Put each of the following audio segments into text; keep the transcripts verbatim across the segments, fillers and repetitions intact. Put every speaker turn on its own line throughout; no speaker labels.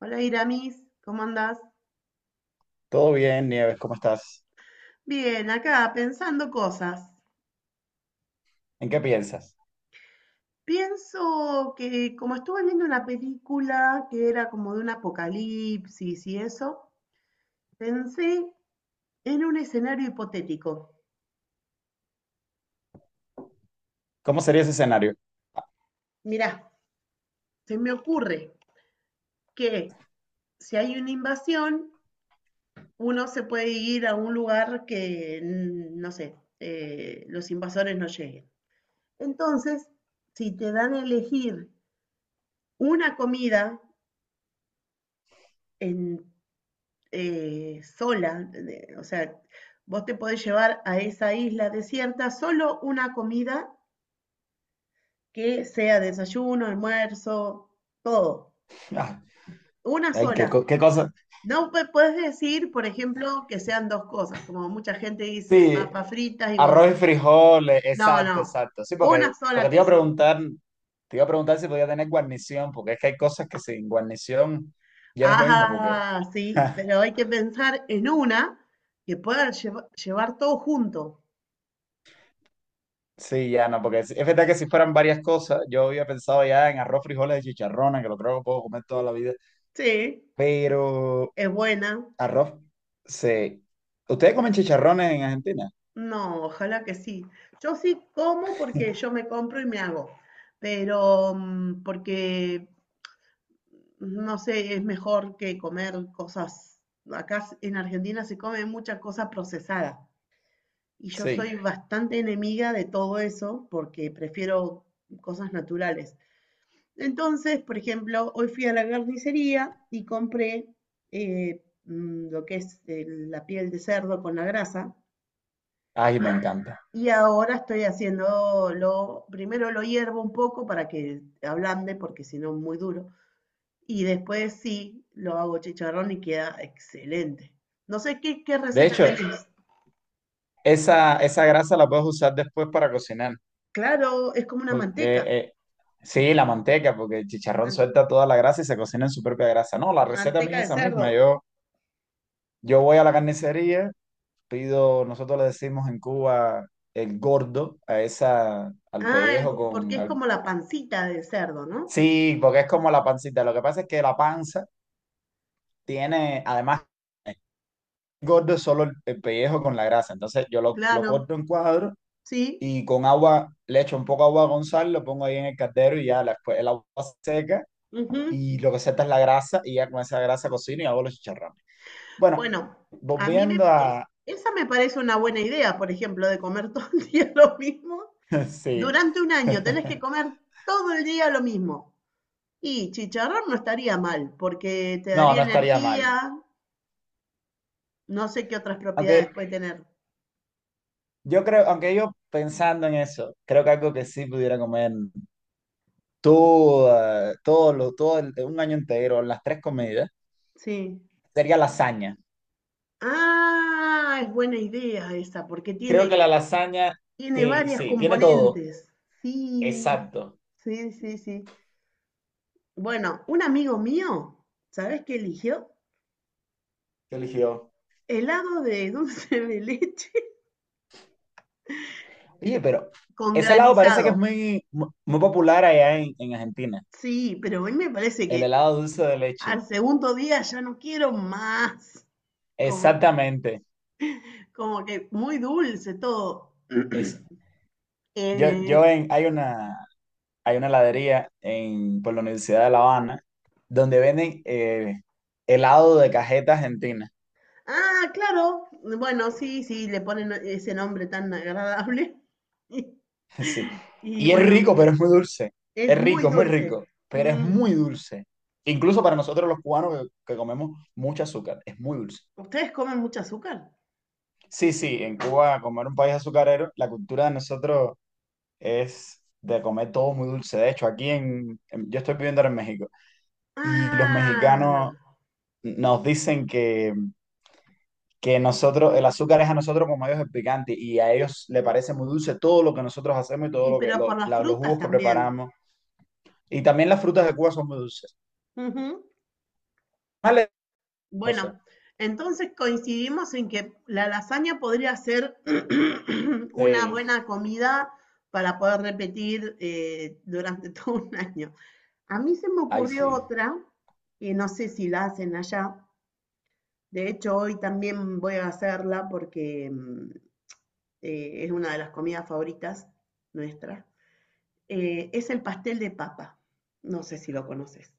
Hola Iramis, ¿cómo andás?
Todo bien, Nieves, ¿cómo estás?
Bien, acá pensando cosas.
¿En qué piensas?
Pienso que como estuve viendo una película que era como de un apocalipsis y eso, pensé en un escenario hipotético.
¿Cómo sería ese escenario?
Mirá, se me ocurre que si hay una invasión, uno se puede ir a un lugar que, mm, no sé, eh, los invasores no lleguen. Entonces, si te dan a elegir una comida en eh, sola, de- o sea, vos te podés llevar a esa isla desierta solo una comida que sea desayuno, almuerzo, todo,
Ah,
una
ay, qué,
sola.
co- qué cosa.
No pu- puedes decir, por ejemplo, que sean dos cosas, como mucha gente dice,
Sí,
papas fritas y huevos
arroz y
fritos.
frijoles,
No,
exacto,
no,
exacto. Sí,
una
porque,
sola
porque te iba a
cosa.
preguntar, te iba a preguntar si podía tener guarnición, porque es que hay cosas que sin guarnición ya no es lo mismo, porque
Ah, sí, pero hay que pensar en una que pueda lleva- llevar todo junto.
sí, ya no, porque es es verdad que si fueran varias cosas, yo había pensado ya en arroz, frijoles y chicharrones, que lo creo que puedo comer toda la vida,
Sí,
pero
es buena.
arroz, sí. ¿Ustedes comen chicharrones en Argentina?
No, ojalá que sí. Yo sí como porque yo me compro y me hago, pero mm, porque, no sé, es mejor que comer cosas. Acá s- en Argentina se come mucha cosa procesada y yo soy
Sí.
bastante enemiga de todo eso porque prefiero cosas naturales. Entonces, por ejemplo, hoy fui a la carnicería y compré eh, mm, lo que es eh, la piel de cerdo con la grasa.
Ay, me encanta.
Y ahora estoy haciendo lo, primero lo hiervo un poco para que ablande, porque si no es muy duro. Y después sí, lo hago chicharrón y queda excelente. No sé qué, qué
De
receta
hecho,
tenés.
esa, esa grasa la puedes usar después para cocinar,
Claro, es como una
porque
manteca,
eh, sí, la manteca, porque el chicharrón
man-
suelta toda la grasa y se cocina en su propia grasa. No, la receta mía
manteca
es
de
esa misma.
cerdo.
Yo, yo voy a la carnicería, pido, nosotros le decimos en Cuba el gordo, a esa, al
Ah, el-
pellejo
porque
con...
es
al-
como la pancita de cerdo, ¿no?
sí, porque es como la pancita. Lo que pasa es que la panza tiene, además gordo es solo el, el pellejo con la grasa. Entonces yo lo, lo
Claro,
corto en cuadros
sí.
y con agua, le echo un poco de agua a Gonzalo, lo pongo ahí en el caldero y ya después el agua seca
Ujú.
y lo que seca es la grasa y ya con esa grasa cocino y hago los chicharrones. Bueno,
Bueno, a mí me,
volviendo
es-
a...
esa me parece una buena idea, por ejemplo, de comer todo el día lo mismo.
Sí.
Durante un año tenés que comer todo el día lo mismo. Y chicharrón no estaría mal, porque te
No,
daría
no estaría mal.
energía, no sé qué otras propiedades
Aunque
puede tener.
yo creo, aunque yo pensando en eso, creo que algo que sí pudiera comer todo, todo, lo, todo el- un año entero, las tres comidas,
Sí.
sería lasaña.
Ah, es buena idea esa, porque
Creo
tiene,
que la lasaña,
tiene
sí,
varias
sí, tiene todo.
componentes. Sí,
Exacto.
sí, sí, sí. Bueno, un amigo mío, ¿sabes qué eligió?
¿Qué eligió?
Helado de dulce de leche
Oye, pero
con
ese helado parece que
granizado.
es muy, mu- muy popular allá en, en Argentina.
Sí, pero a mí me parece
El
que
helado dulce de leche.
al segundo día ya no quiero más. Como,
Exactamente.
como que muy dulce todo.
Ese. Yo, yo
Eh,
en, hay una, hay una heladería en, por la Universidad de La Habana donde venden eh, helado de cajeta argentina.
ah, claro, bueno, sí, sí, le ponen ese nombre tan agradable. Y,
Sí.
y
Y es
bueno,
rico, pero es muy dulce.
es
Es
muy
rico, es muy
dulce.
rico, pero es
Mm.
muy dulce. Incluso para nosotros los cubanos que, que comemos mucho azúcar, es muy dulce.
¿Ustedes comen mucho azúcar?
Sí, sí, en Cuba, como era un país azucarero, la cultura de nosotros es de comer todo muy dulce. De hecho, aquí en, en- yo estoy viviendo ahora en México y los
Ah,
mexicanos nos dicen que, que nosotros, el azúcar es a nosotros como a ellos el picante y a ellos le parece muy dulce todo lo que nosotros hacemos y todo
y
lo que
pero
lo-
por las
la- los
frutas
jugos que
también.
preparamos. Y también las frutas de Cuba son muy dulces.
Ujú.
Vale, cosa.
Bueno, entonces coincidimos en que la lasaña podría ser una
Sí,
buena comida para poder repetir eh, durante todo un año. A mí se me
ahí
ocurrió
sí.
otra, que no sé si la hacen allá. De hecho, hoy también voy a hacerla porque mm, eh, es una de las comidas favoritas nuestras. Eh, es el pastel de papa. No sé si lo conoces.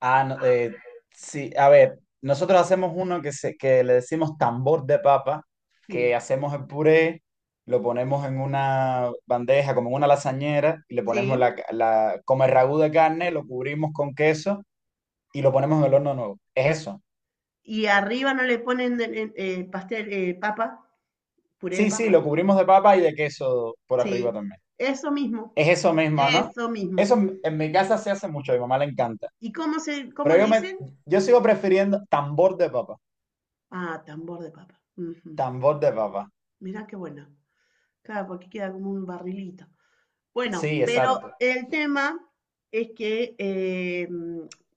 Ah, no, eh, sí, a ver, nosotros hacemos uno que, se, que le decimos tambor de papa, que
Sí,
hacemos el puré, lo ponemos en una bandeja, como en una lasañera, y le ponemos
sí.
la, la, como el ragú de carne, lo cubrimos con queso y lo ponemos en el horno nuevo. Es eso.
Y arriba no le ponen de- eh, eh, pastel, eh, papa, puré de
Sí, sí,
papa.
lo cubrimos de papa y de queso por arriba
Sí,
también.
eso mismo,
Es eso mismo, ¿no?
eso mismo.
Eso en, en mi casa se hace mucho, a mi mamá le encanta.
¿Y cómo se, cómo
Pero
le
yo,
dicen?
me, yo sigo prefiriendo tambor de papa,
Ah, tambor de papa. Ujú.
tambor de papa.
Mirá qué bueno. Claro, porque queda como un barrilito. Bueno,
Sí,
pero
exacto.
el tema es que eh,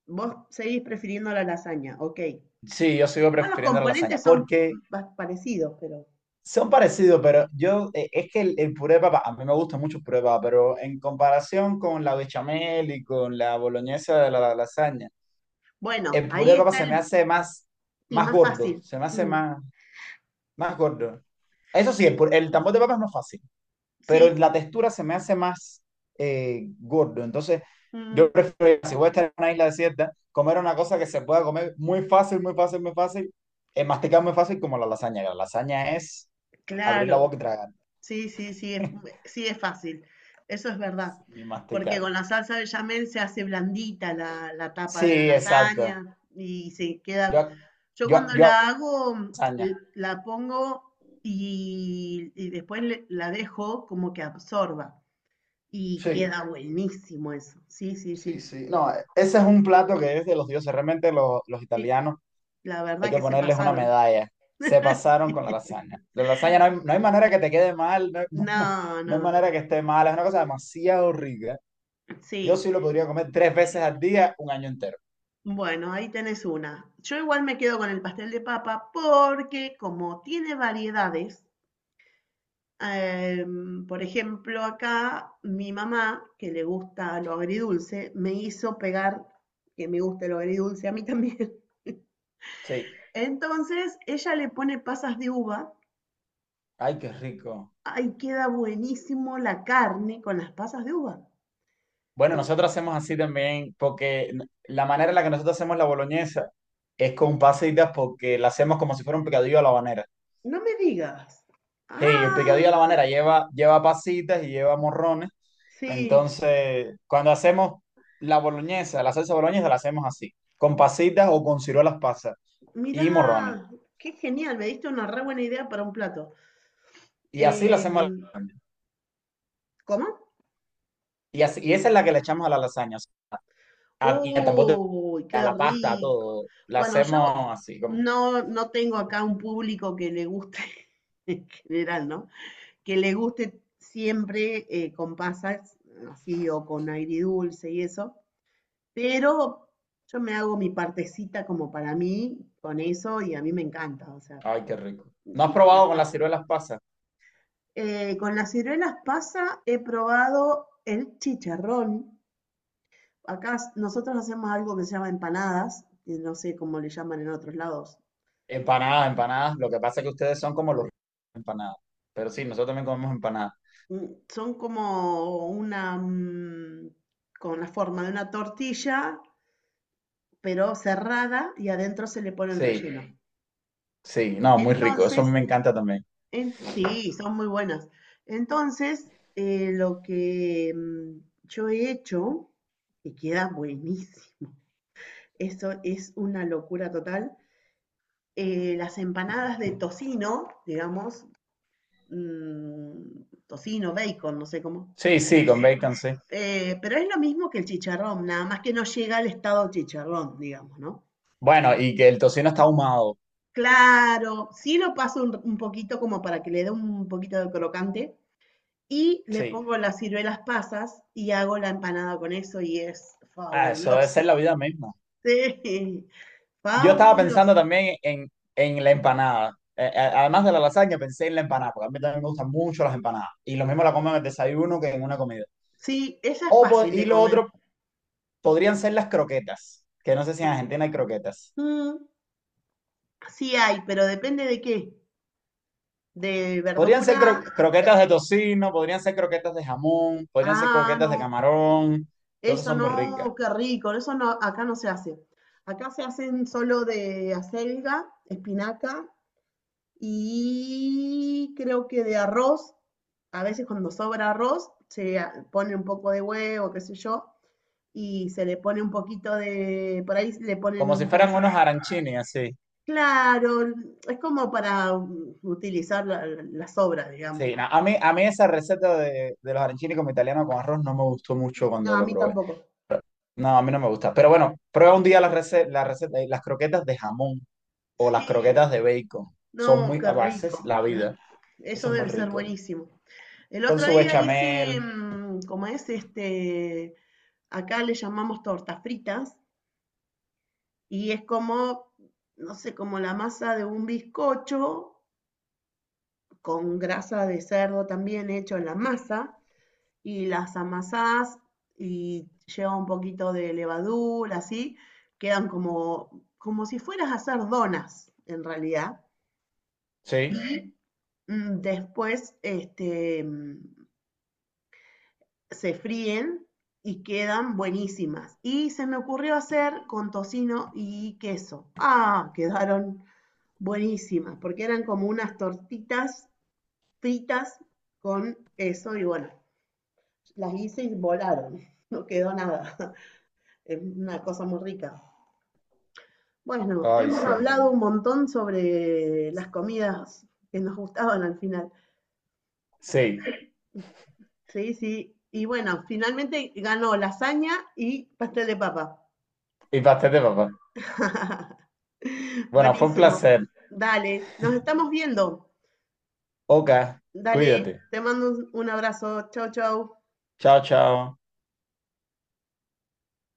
vos seguís prefiriendo la lasaña, ok.
Sí, yo sigo
Igual los
prefiriendo la lasaña,
componentes son
porque
pa- parecidos, pero
son parecidos, pero yo, eh, es que el, el puré de papa, a mí me gusta mucho el puré de papa, pero en comparación con la bechamel y con la boloñesa de la, la lasaña,
bueno,
el puré
ahí
de papa
está
se me
el
hace más,
sí,
más
más
gordo,
fácil.
se me hace
Mm,
más, más gordo. Eso sí, el, pu- el tambor de papa es más fácil. Pero
sí,
la textura se me hace más eh, gordo. Entonces,
mm,
yo prefiero, si voy a estar en una isla desierta, comer una cosa que se pueda comer muy fácil, muy fácil, muy fácil, eh, masticar muy fácil como la lasaña. Que La lasaña es abrir la
claro.
boca y tragar,
Sí, sí, sí, es, sí es fácil. Eso es verdad.
ni
Porque
masticar.
con la salsa bechamel se hace blandita la, la tapa de la
Sí, exacto.
lasaña y se queda.
Yo,
Yo
yo,
cuando
yo hago
la hago, mm,
lasaña.
l- la pongo y, y después le- la dejo como que absorba y
Sí,
queda buenísimo eso. Sí, sí,
sí,
sí.
sí. No, ese es un plato que es de los dioses. Realmente lo- los
Sí,
italianos
la
hay
verdad
que
que se
ponerles una
pasaron.
medalla. Se pasaron
Sí.
con la lasaña. La lasaña no hay, no hay manera que te quede mal, no hay, no hay ma-
No,
no hay
no, no.
manera que esté mal. Es una cosa demasiado rica. Yo
Sí.
sí lo podría comer tres veces al día, un año entero.
Bueno, ahí tenés una. Yo igual me quedo con el pastel de papa porque como tiene variedades, em, por ejemplo, acá mi mamá, que le gusta lo agridulce, me hizo pegar que me guste lo agridulce a mí también.
Sí.
Entonces, ella le pone pasas de uva.
Ay, qué rico.
Ahí queda buenísimo la carne con las pasas de uva.
Bueno, nosotros hacemos así también, porque n- la manera en la que nosotros hacemos la boloñesa es con pasitas, porque la hacemos como si fuera un picadillo a la habanera.
No me digas.
Sí,
Ah,
el picadillo a la habanera lleva, lleva pasitas y lleva morrones.
sí.
Entonces, cuando hacemos la boloñesa, la salsa boloñesa la hacemos así, con pasitas o con ciruelas pasas
Mirá,
y morrones.
qué genial. Me diste una re buena idea para un plato.
Y así la hacemos a la
Em,
lasaña.
¿cómo?
Y, así- y esa es la que le echamos a la lasaña, a- y a tambor de-
Uy,
a
qué
la pasta, a
rico.
todo. La
Bueno, yo
hacemos así, como,
no, no tengo acá un público que le guste, en general, ¿no? Que le guste siempre eh, con pasas, así o con dulce y eso, pero yo me hago mi partecita como para mí con eso y a mí me encanta, o sea,
ay, qué rico.
y
¿No has
ya
probado con
está.
las ciruelas pasas?
Eh, con las ciruelas pasa, he probado el chicharrón. Acá nosotros hacemos algo que se llama empanadas, que no sé cómo le llaman en otros lados.
Empanadas, empanadas. Lo que pasa es que ustedes son como los empanadas. Pero sí, nosotros también comemos empanadas.
Mm, son como una, mm, con la forma de una tortilla, pero cerrada y adentro se le pone el
Sí,
relleno.
sí, no, muy rico. Eso a mí
Entonces,
me encanta también.
en, sí, son muy buenas. Entonces, eh, lo que mm, yo he hecho, y queda buenísimo, eso es una locura total, eh, las empanadas de tocino, digamos, mm, tocino, bacon, no sé cómo.
Sí, sí, con bacon, sí.
Eh, pero es lo mismo que el chicharrón, nada más que no llega al estado chicharrón, digamos, ¿no?
Bueno, y que el tocino está ahumado.
Claro, sí lo paso un, un poquito como para que le dé un poquito de crocante y le
Sí,
pongo las ciruelas pasas y hago la empanada con eso y es
ah, eso debe
fabuloso.
ser la vida misma.
Sí,
Yo estaba pensando
fabuloso.
también en, en la empanada. Eh, eh, además de la lasaña, pensé en la empanada, porque a mí también me gustan mucho las empanadas. Y lo mismo la como en el desayuno que en una comida.
Sí, esa es
O, po-
fácil
y
de
lo
comer.
otro podrían ser las croquetas, que no sé si en Argentina hay croquetas.
Mm, sí hay, pero depende de qué. De
Podrían ser
verdura.
cro-
de-
croquetas de tocino, podrían ser croquetas de jamón, podrían ser
Ah,
croquetas de
no.
camarón. Entonces
Eso
son muy ricas.
no, qué rico, eso no, acá no se hace. Acá se hacen solo de acelga, espinaca y creo que de arroz. A veces cuando sobra arroz se pone un poco de huevo, qué sé yo, y se le pone un poquito de, por ahí le
Como
ponen
si
un
fueran
pedacito.
unos arancini, así.
Claro, es como para mm, utilizar la- las sobras, digamos,
Sí,
¿no?
no, a mí, a mí esa receta de, de los arancini como italiano con arroz no me gustó mucho
No,
cuando
a
lo
mí
probé.
tampoco.
No, a mí no me gusta. Pero bueno, prueba un día las rece- la receta, las croquetas de jamón o las
Sí,
croquetas de bacon. Son
no,
muy,
qué
a
rico.
veces, la
la-
vida. Eso
Eso
es muy
debe ser
rico.
buenísimo. El
Con
otro
su
día hice,
bechamel.
mm, como es este, acá le llamamos tortas fritas, y es como, no sé, como la masa de un bizcocho con grasa de cerdo también hecho en la masa, y las amasás y lleva un poquito de levadura, así, quedan como, como si fueras a hacer donas, en realidad.
Sí.
Mm, después, este, mm, se fríen y quedan buenísimas. Y se me ocurrió hacer con tocino y queso. Ah, quedaron buenísimas, porque eran como unas tortitas fritas con queso y bueno, las hice y volaron. No quedó nada. Es una cosa muy rica. Bueno,
Ay,
hemos
sí.
hablado un montón sobre las comidas que nos gustaban al final.
Sí.
Sí, sí. Y bueno, finalmente ganó lasaña y pastel de papa.
Y pastel de papá. Bueno, fue un
Buenísimo.
placer.
Dale, nos estamos viendo.
Oka,
Dale,
cuídate.
te mando un, un abrazo. Chau, chau.
Chao, chao.